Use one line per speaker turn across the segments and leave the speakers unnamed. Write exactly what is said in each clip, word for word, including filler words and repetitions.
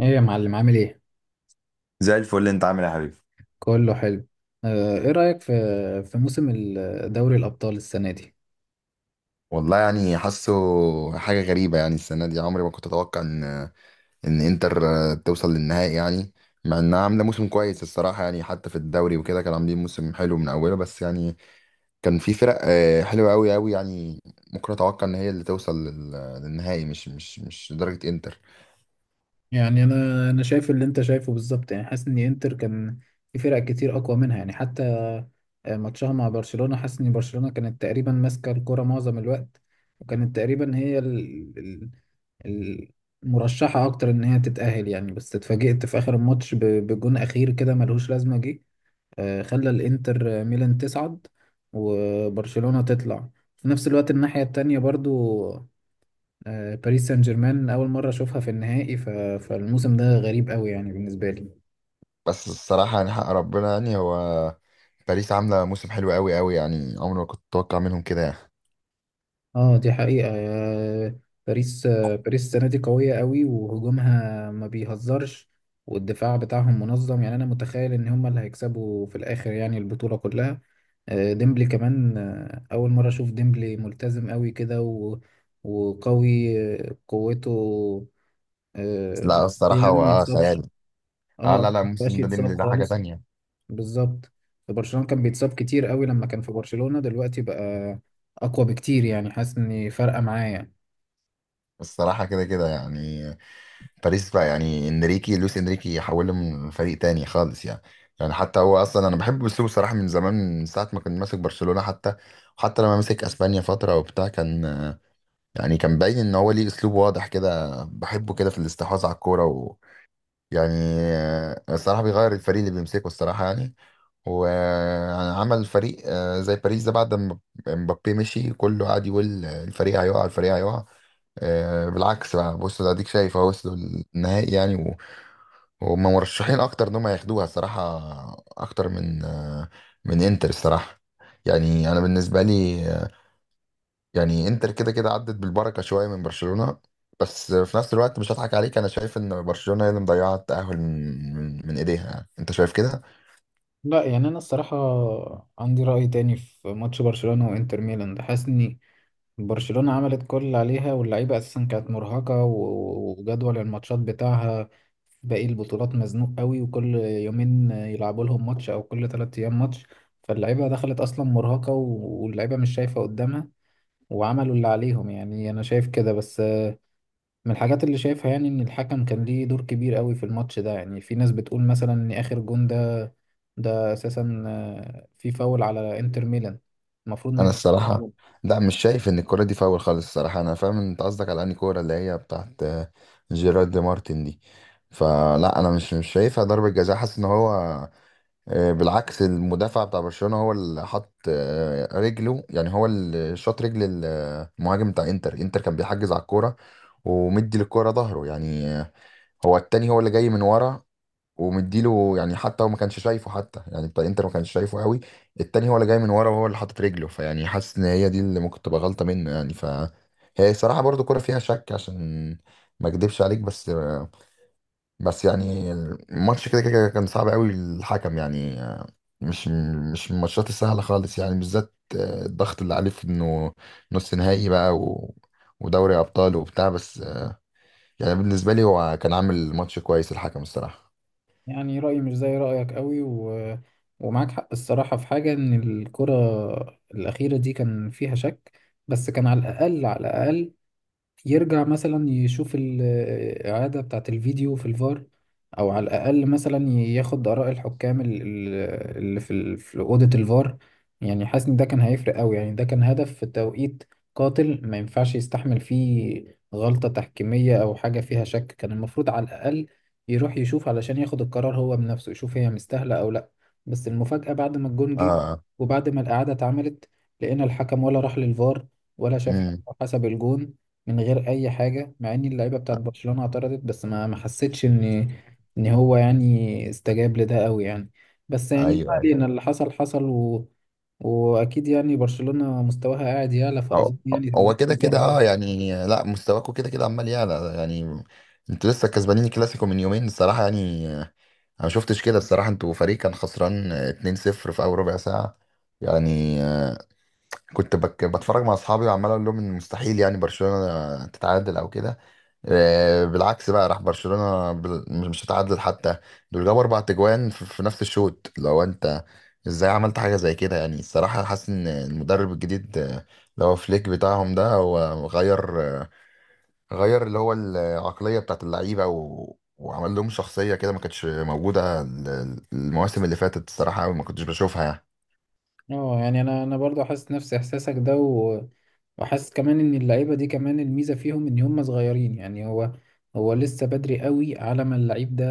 ايه يا معلم عامل ايه؟
زي الفل، انت عامل ايه يا حبيبي؟
كله حلو. آه، ايه رأيك في في موسم ال- دوري الأبطال السنة دي؟
والله يعني حاسه حاجة غريبة، يعني السنة دي عمري ما كنت أتوقع إن إن إنتر توصل للنهائي يعني. مع إنها عاملة موسم كويس الصراحة، يعني حتى في الدوري وكده كانوا عاملين موسم حلو من أوله، بس يعني كان في فرق آه، حلوة أوي أوي، يعني ممكن أتوقع إن هي اللي توصل لل- للنهائي، مش مش مش لدرجة إنتر.
يعني انا انا شايف اللي انت شايفه بالظبط، يعني حاسس ان انتر كان في فرق كتير اقوى منها. يعني حتى آه، ماتشها مع برشلونة، حاسس ان برشلونة كانت تقريبا ماسكة الكرة معظم الوقت، وكانت تقريبا هي ال- ال- ال- المرشحة اكتر ان هي تتأهل. يعني بس اتفاجئت في اخر الماتش ب- بجون اخير كده ملهوش لازمة، جه آه، خلى الانتر ميلان تصعد وبرشلونة تطلع. في نفس الوقت الناحية التانية برضو، آه، باريس سان جيرمان أول مرة أشوفها في النهائي. ف... فالموسم ده غريب قوي يعني بالنسبة لي.
بس الصراحة يعني حق ربنا، يعني هو باريس عاملة موسم حلو أوي أوي، يعني عمري ما كنت أتوقع منهم كده يعني.
اه دي حقيقة. آه، باريس آه، باريس السنة دي قوية قوي وهجومها ما بيهزرش، والدفاع بتاعهم منظم. يعني انا متخيل ان هم اللي هيكسبوا في الاخر يعني البطولة كلها. آه، ديمبلي كمان، آه، اول مرة اشوف ديمبلي ملتزم قوي كده و- وقوي. آه، قوته آه،
لا
يعني
الصراحة هو
ما
آه،
يتصابش.
خيال. اه
اه
لا لا،
مبقاش
موسم ده
يتصاب
ديمبلي ده حاجة
خالص،
تانية.
بالظبط. في برشلونة كان بيتصاب كتير قوي لما كان في برشلونة، دلوقتي بقى اقوى بكتير، يعني حاسس اني فارقة معايا.
الصراحة كده كده يعني باريس بقى، يعني انريكي لويس انريكي حوله من فريق تاني خالص يعني. يعني حتى هو اصلا انا بحب اسلوبه صراحة من زمان، من ساعة ما كان ماسك برشلونة حتى، وحتى لما مسك اسبانيا فترة وبتاع، كان يعني كان باين ان هو ليه اسلوب واضح كده بحبه كده في الاستحواذ على الكورة، ويعني الصراحة بيغير الفريق اللي بيمسكه الصراحة يعني. وعمل فريق آه، زي باريس ده بعد ما مبابي مشي، كله قعد يقول الفريق هيقع الفريق هيقع. آه، بالعكس بقى، بص ده اديك شايف اهو وصلوا النهائي يعني و- وهم مرشحين اكتر ان هم ياخدوها الصراحه، اكتر من آه، من انتر الصراحه. يعني انا بالنسبه لي آه، يعني انتر كده كده عدت بالبركه شويه من برشلونه. بس في نفس الوقت مش هضحك عليك، انا شايف ان برشلونه هي اللي مضيعه التاهل من من من ايديها، انت شايف كده.
لا يعني انا الصراحه عندي راي تاني في ماتش برشلونه وانتر ميلان ده. حاسس ان برشلونه عملت كل اللي عليها، واللعيبه اساسا كانت مرهقه، و- وجدول الماتشات بتاعها باقي البطولات مزنوق قوي، وكل يومين يلعبوا لهم ماتش او كل ثلاث ايام ماتش. فاللعيبه دخلت اصلا مرهقه، و- واللعيبه مش شايفه قدامها، وعملوا اللي عليهم. يعني انا شايف كده. بس من الحاجات اللي شايفها يعني ان الحكم كان ليه دور كبير قوي في الماتش ده. يعني في ناس بتقول مثلا ان اخر جون ده ده اساسا آه، في فاول على انتر ميلان المفروض ما
انا
يتحسبش.
الصراحه لا، مش شايف ان الكوره دي فاول خالص الصراحه، انا فاهم انت قصدك على انهي كوره، اللي هي بتاعت آه، جيرارد دي مارتن دي. فلا انا مش مش شايفها ضربه جزاء، حاسس ان هو آه، بالعكس، المدافع بتاع برشلونه هو اللي حط آه، رجله، يعني هو اللي شاط رجل المهاجم بتاع انتر انتر كان بيحجز على الكوره ومدي للكوره ظهره يعني. آه، هو التاني هو اللي جاي من ورا ومديله، يعني حتى هو ما كانش شايفه حتى، يعني بتاع انتر ما كانش شايفه قوي. التاني هو اللي جاي من ورا وهو اللي حاطط رجله، فيعني حاسس ان هي دي اللي ممكن تبقى غلطة منه يعني. ف هي الصراحة برضو كرة فيها شك، عشان ما اكدبش عليك، بس بس يعني الماتش كده كده كان صعب قوي الحكم يعني. مش مش من الماتشات السهلة خالص، يعني بالذات الضغط اللي عليه في انه نص نهائي بقى و... ودوري ابطال وبتاع، بس يعني بالنسبة لي هو كان عامل ماتش كويس الحكم الصراحة.
يعني رأيي مش زي رأيك قوي، و... ومعاك حق الصراحة في حاجة، إن الكرة الأخيرة دي كان فيها شك. بس كان على الأقل، على الأقل، يرجع مثلا يشوف الإعادة بتاعة الفيديو في الفار، أو على الأقل مثلا ياخد آراء الحكام ال- ال- اللي في ال- في أوضة الفار. يعني حاسس إن ده كان هيفرق أوي. يعني ده كان هدف في توقيت قاتل، ما ينفعش يستحمل فيه غلطة تحكيمية أو حاجة فيها شك. كان المفروض على الأقل يروح يشوف علشان ياخد القرار هو بنفسه، يشوف هي مستاهلة أو لأ. بس المفاجأة بعد ما الجون جه
اه.
وبعد ما الإعادة اتعملت، لقينا الحكم ولا راح للفار ولا شاف،
امم.
حسب الجون من غير اي حاجه. مع ان اللعيبه بتاعت برشلونه اعترضت، بس ما ما حسيتش ان ان هو يعني استجاب لده قوي يعني. بس يعني ما
ايوه.
علينا، اللي حصل حصل. و... واكيد يعني برشلونه مستواها قاعد يعلى،
أو
فاظن
أو-
يعني إن
هو كده كده،
الجاهل
اه
أوي.
يعني لا مستواكوا كده كده عمال يعلى يعني، انتوا لسه كسبانين الكلاسيكو من يومين الصراحة، يعني آه، انا ما شفتش كده الصراحة، انتوا فريق كان خسران اتنين صفر في اول ربع ساعة يعني. آه، كنت بك بتفرج مع اصحابي، وعمال اقول لهم ان مستحيل يعني برشلونة تتعادل او كده. آه، بالعكس بقى، راح برشلونة بال- مش هتعادل حتى، دول جابوا اربع تجوان في في نفس الشوط. لو انت ازاي عملت حاجة زي كده يعني، الصراحة حاسس ان المدرب الجديد، آه، اللي هو فليك بتاعهم ده، هو غير آه، غير اللي هو العقلية بتاعت اللعيبة، و... وعمل لهم شخصية كده ما كانتش موجودة ال- المواسم اللي فاتت الصراحة أوي، ما كنتش بشوفها يعني.
اه يعني انا انا برضو حاسس نفس احساسك ده، و... وحاسس كمان ان اللعيبه دي كمان الميزه فيهم ان هم صغيرين. يعني هو هو لسه بدري قوي على ما اللعيب ده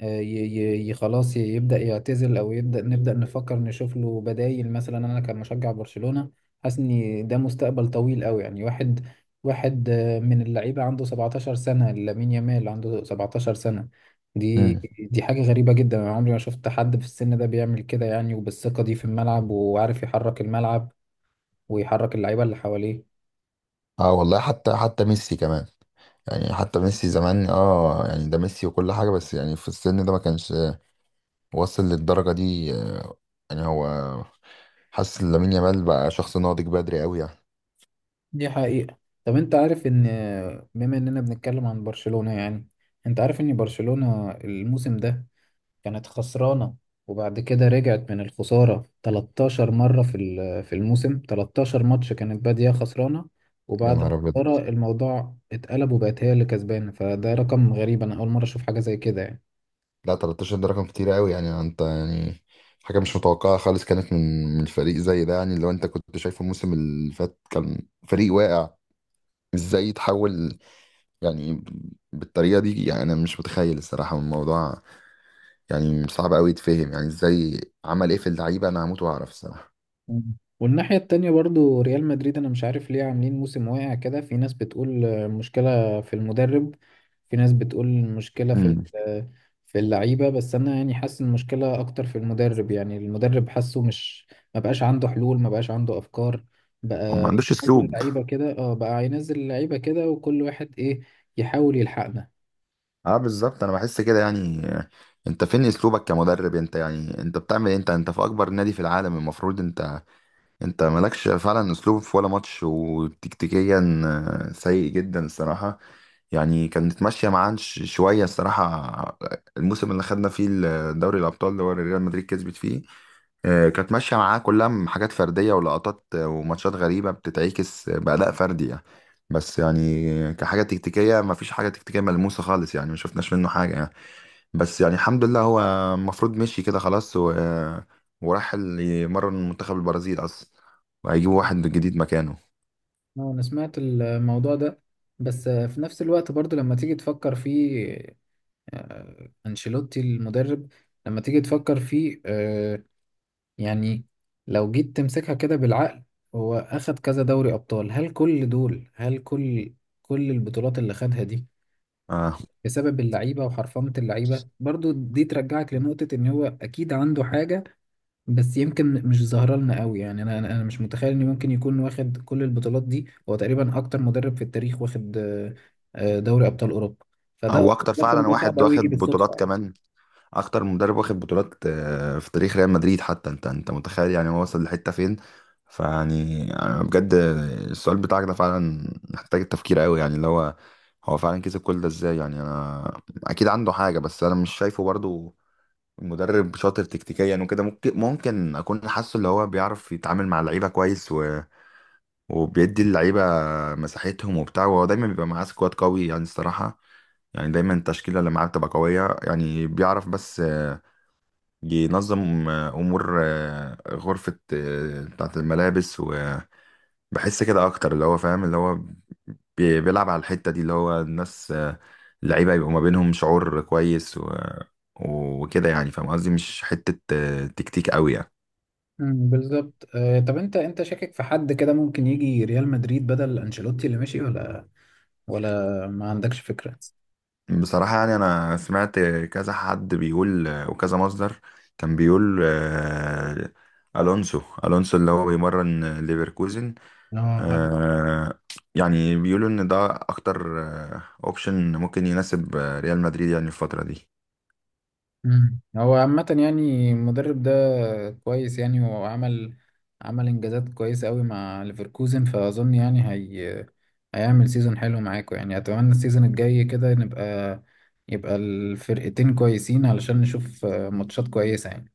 آه، ي ي ي- خلاص ي- يبدا يعتزل او يبدا نبدا نفكر نشوف له بدايل. مثلا انا كمشجع برشلونه حاسس ان ده مستقبل طويل قوي. يعني واحد واحد آه، من اللعيبه عنده سبعتاشر سنه، لامين يامال عنده سبعتاشر سنه. دي
مم.
دي حاجه غريبه جدا. انا عمري ما شفت حد في السن ده بيعمل كده، يعني وبالثقه دي في الملعب، وعارف يحرك الملعب ويحرك اللعيبه اللي حواليه.
اه والله حتى حتى ميسي كمان، يعني حتى ميسي زمان اه يعني ده ميسي وكل حاجة، بس يعني في السن ده ما كانش وصل للدرجة دي. آه، يعني هو حاسس ان لامين يامال بقى شخص ناضج بدري قوي يعني.
دي حقيقة. طب انت عارف ان، بما اننا بنتكلم عن برشلونة يعني، انت عارف ان برشلونة الموسم ده كانت خسرانة وبعد كده رجعت من الخسارة تلتاشر مرة في ال- في الموسم؟ تلتاشر ماتش كانت بادية خسرانة
يا
وبعد
نهار ابيض،
الخسارة الموضوع اتقلب وبقت هي اللي كسبانة. فده رقم غريب، انا اول مرة اشوف حاجة زي كده يعني.
لا ثلاثة عشر ده رقم كتير قوي، يعني انت يعني حاجة مش متوقعة خالص كانت من من فريق زي ده، يعني لو انت كنت شايفه الموسم اللي فات كان فريق واقع، ازاي يتحول يعني بالطريقة دي. يعني انا مش متخيل الصراحة الموضوع، يعني صعب قوي يتفهم يعني، ازاي عمل ايه في اللعيبة؟ انا هموت واعرف الصراحة.
مم. والناحية التانية برضو ريال مدريد، أنا مش عارف ليه عاملين موسم واقع كده. في ناس بتقول آه، مشكلة في المدرب، في ناس بتقول المشكلة في ال-
امم
آه، في اللعيبة. بس أنا يعني حاسس إن المشكلة أكتر في المدرب. يعني المدرب حاسه مش، ما بقاش عنده حلول ما بقاش عنده أفكار،
هو ما
بقى
عندوش
ينزل
اسلوب.
اللعيبة كده. اه بقى ينزل اللعيبة كده وكل واحد إيه، يحاول يلحقنا.
اه بالظبط، انا بحس كده يعني آه، انت فين اسلوبك كمدرب انت؟ يعني انت بتعمل إيه؟ انت انت في اكبر نادي في العالم، المفروض انت انت مالكش فعلا اسلوب في ولا ماتش، وتكتيكيا آه، سيء جدا الصراحه. يعني كانت ماشيه معاه ش- شويه الصراحه. الموسم اللي خدنا فيه ال- دوري الابطال اللي هو ريال مدريد كسبت فيه، آه، كانت ماشيه معاه كلها م- حاجات فرديه ولقطات آه، وماتشات غريبه بتتعكس آه، باداء فردي يعني. بس يعني كحاجه تكتيكيه، مفيش حاجه تكتيكيه ملموسه خالص، يعني ما شفناش منه حاجه يعني. بس يعني الحمد لله، هو المفروض مشي كده خلاص و وراح ال- يمرن منتخب البرازيل اصلا، وهيجيبوا
اه
واحد جديد مكانه.
آه، أنا سمعت الموضوع ده، بس آه، في نفس الوقت برضو لما تيجي تفكر فيه، آه، أنشيلوتي المدرب، لما تيجي تفكر فيه آه، يعني، لو جيت تمسكها كده بالعقل، هو أخد كذا دوري أبطال. هل كل دول، هل كل، كل البطولات اللي خدها دي
اه،
بسبب اللعيبة وحرفنة اللعيبة؟ برضو دي ترجعك لنقطة إن هو أكيد عنده حاجة بس يمكن مش ظاهرة لنا قوي. يعني أنا أنا أنا مش متخيل إن ممكن يكون واخد كل البطولات دي. هو تقريبا أكتر مدرب في التاريخ واخد آه، آه، دوري أبطال أوروبا،
هو
فده،
اكتر
لكن
فعلا
ده صعب
واحد
قوي يجي
واخد بطولات
بالصدفة.
كمان، اكتر مدرب واخد بطولات آه، في تاريخ ريال مدريد حتى. انت انت متخيل يعني هو وصل لحتة فين؟ فيعني أنا بجد السؤال بتاعك ده فعلا محتاج التفكير قوي، يعني اللي هو هو فعلا كسب كل ده ازاي؟ يعني انا اكيد عنده حاجة، بس انا مش شايفه برضو مدرب شاطر تكتيكيا وكده. ممكن ممكن اكون حاسه اللي هو بيعرف يتعامل مع اللعيبة كويس و... وبيدي اللعيبة مساحتهم وبتاع، وهو دايما بيبقى معاه سكواد قوي يعني الصراحة، يعني دايما التشكيلة اللي معاه بتبقى قوية، يعني بيعرف بس آه، ينظم آه، أمور آه، غرفة آه، بتاعة الملابس، وبحس كده أكتر اللي هو فاهم، اللي هو بي- بيلعب على الحتة دي اللي هو الناس آه، اللعيبة يبقوا ما بينهم شعور كويس و- وكده يعني، فاهم قصدي مش حتة آه، تكتيك قوي يعني.
مم، بالظبط. آه، طب انت انت شاكك في حد كده ممكن يجي ريال مدريد بدل انشيلوتي اللي مشي، ولا ولا ما عندكش فكرة؟
بصراحة يعني أنا سمعت كذا حد بيقول وكذا مصدر كان بيقول آه، ألونسو ألونسو اللي هو بيمرن ليفركوزن.
اه عارف.
آه، يعني بيقولوا إن ده أكتر أوبشن ممكن يناسب آه، ريال مدريد يعني الفترة دي.
مم. هو عامة يعني المدرب ده كويس يعني، وعمل عمل انجازات كويسة قوي مع ليفركوزن. فاظن يعني هي هيعمل سيزون حلو معاكم. يعني اتمنى السيزون الجاي كده نبقى، يبقى الفرقتين كويسين علشان نشوف آه، ماتشات كويسة يعني.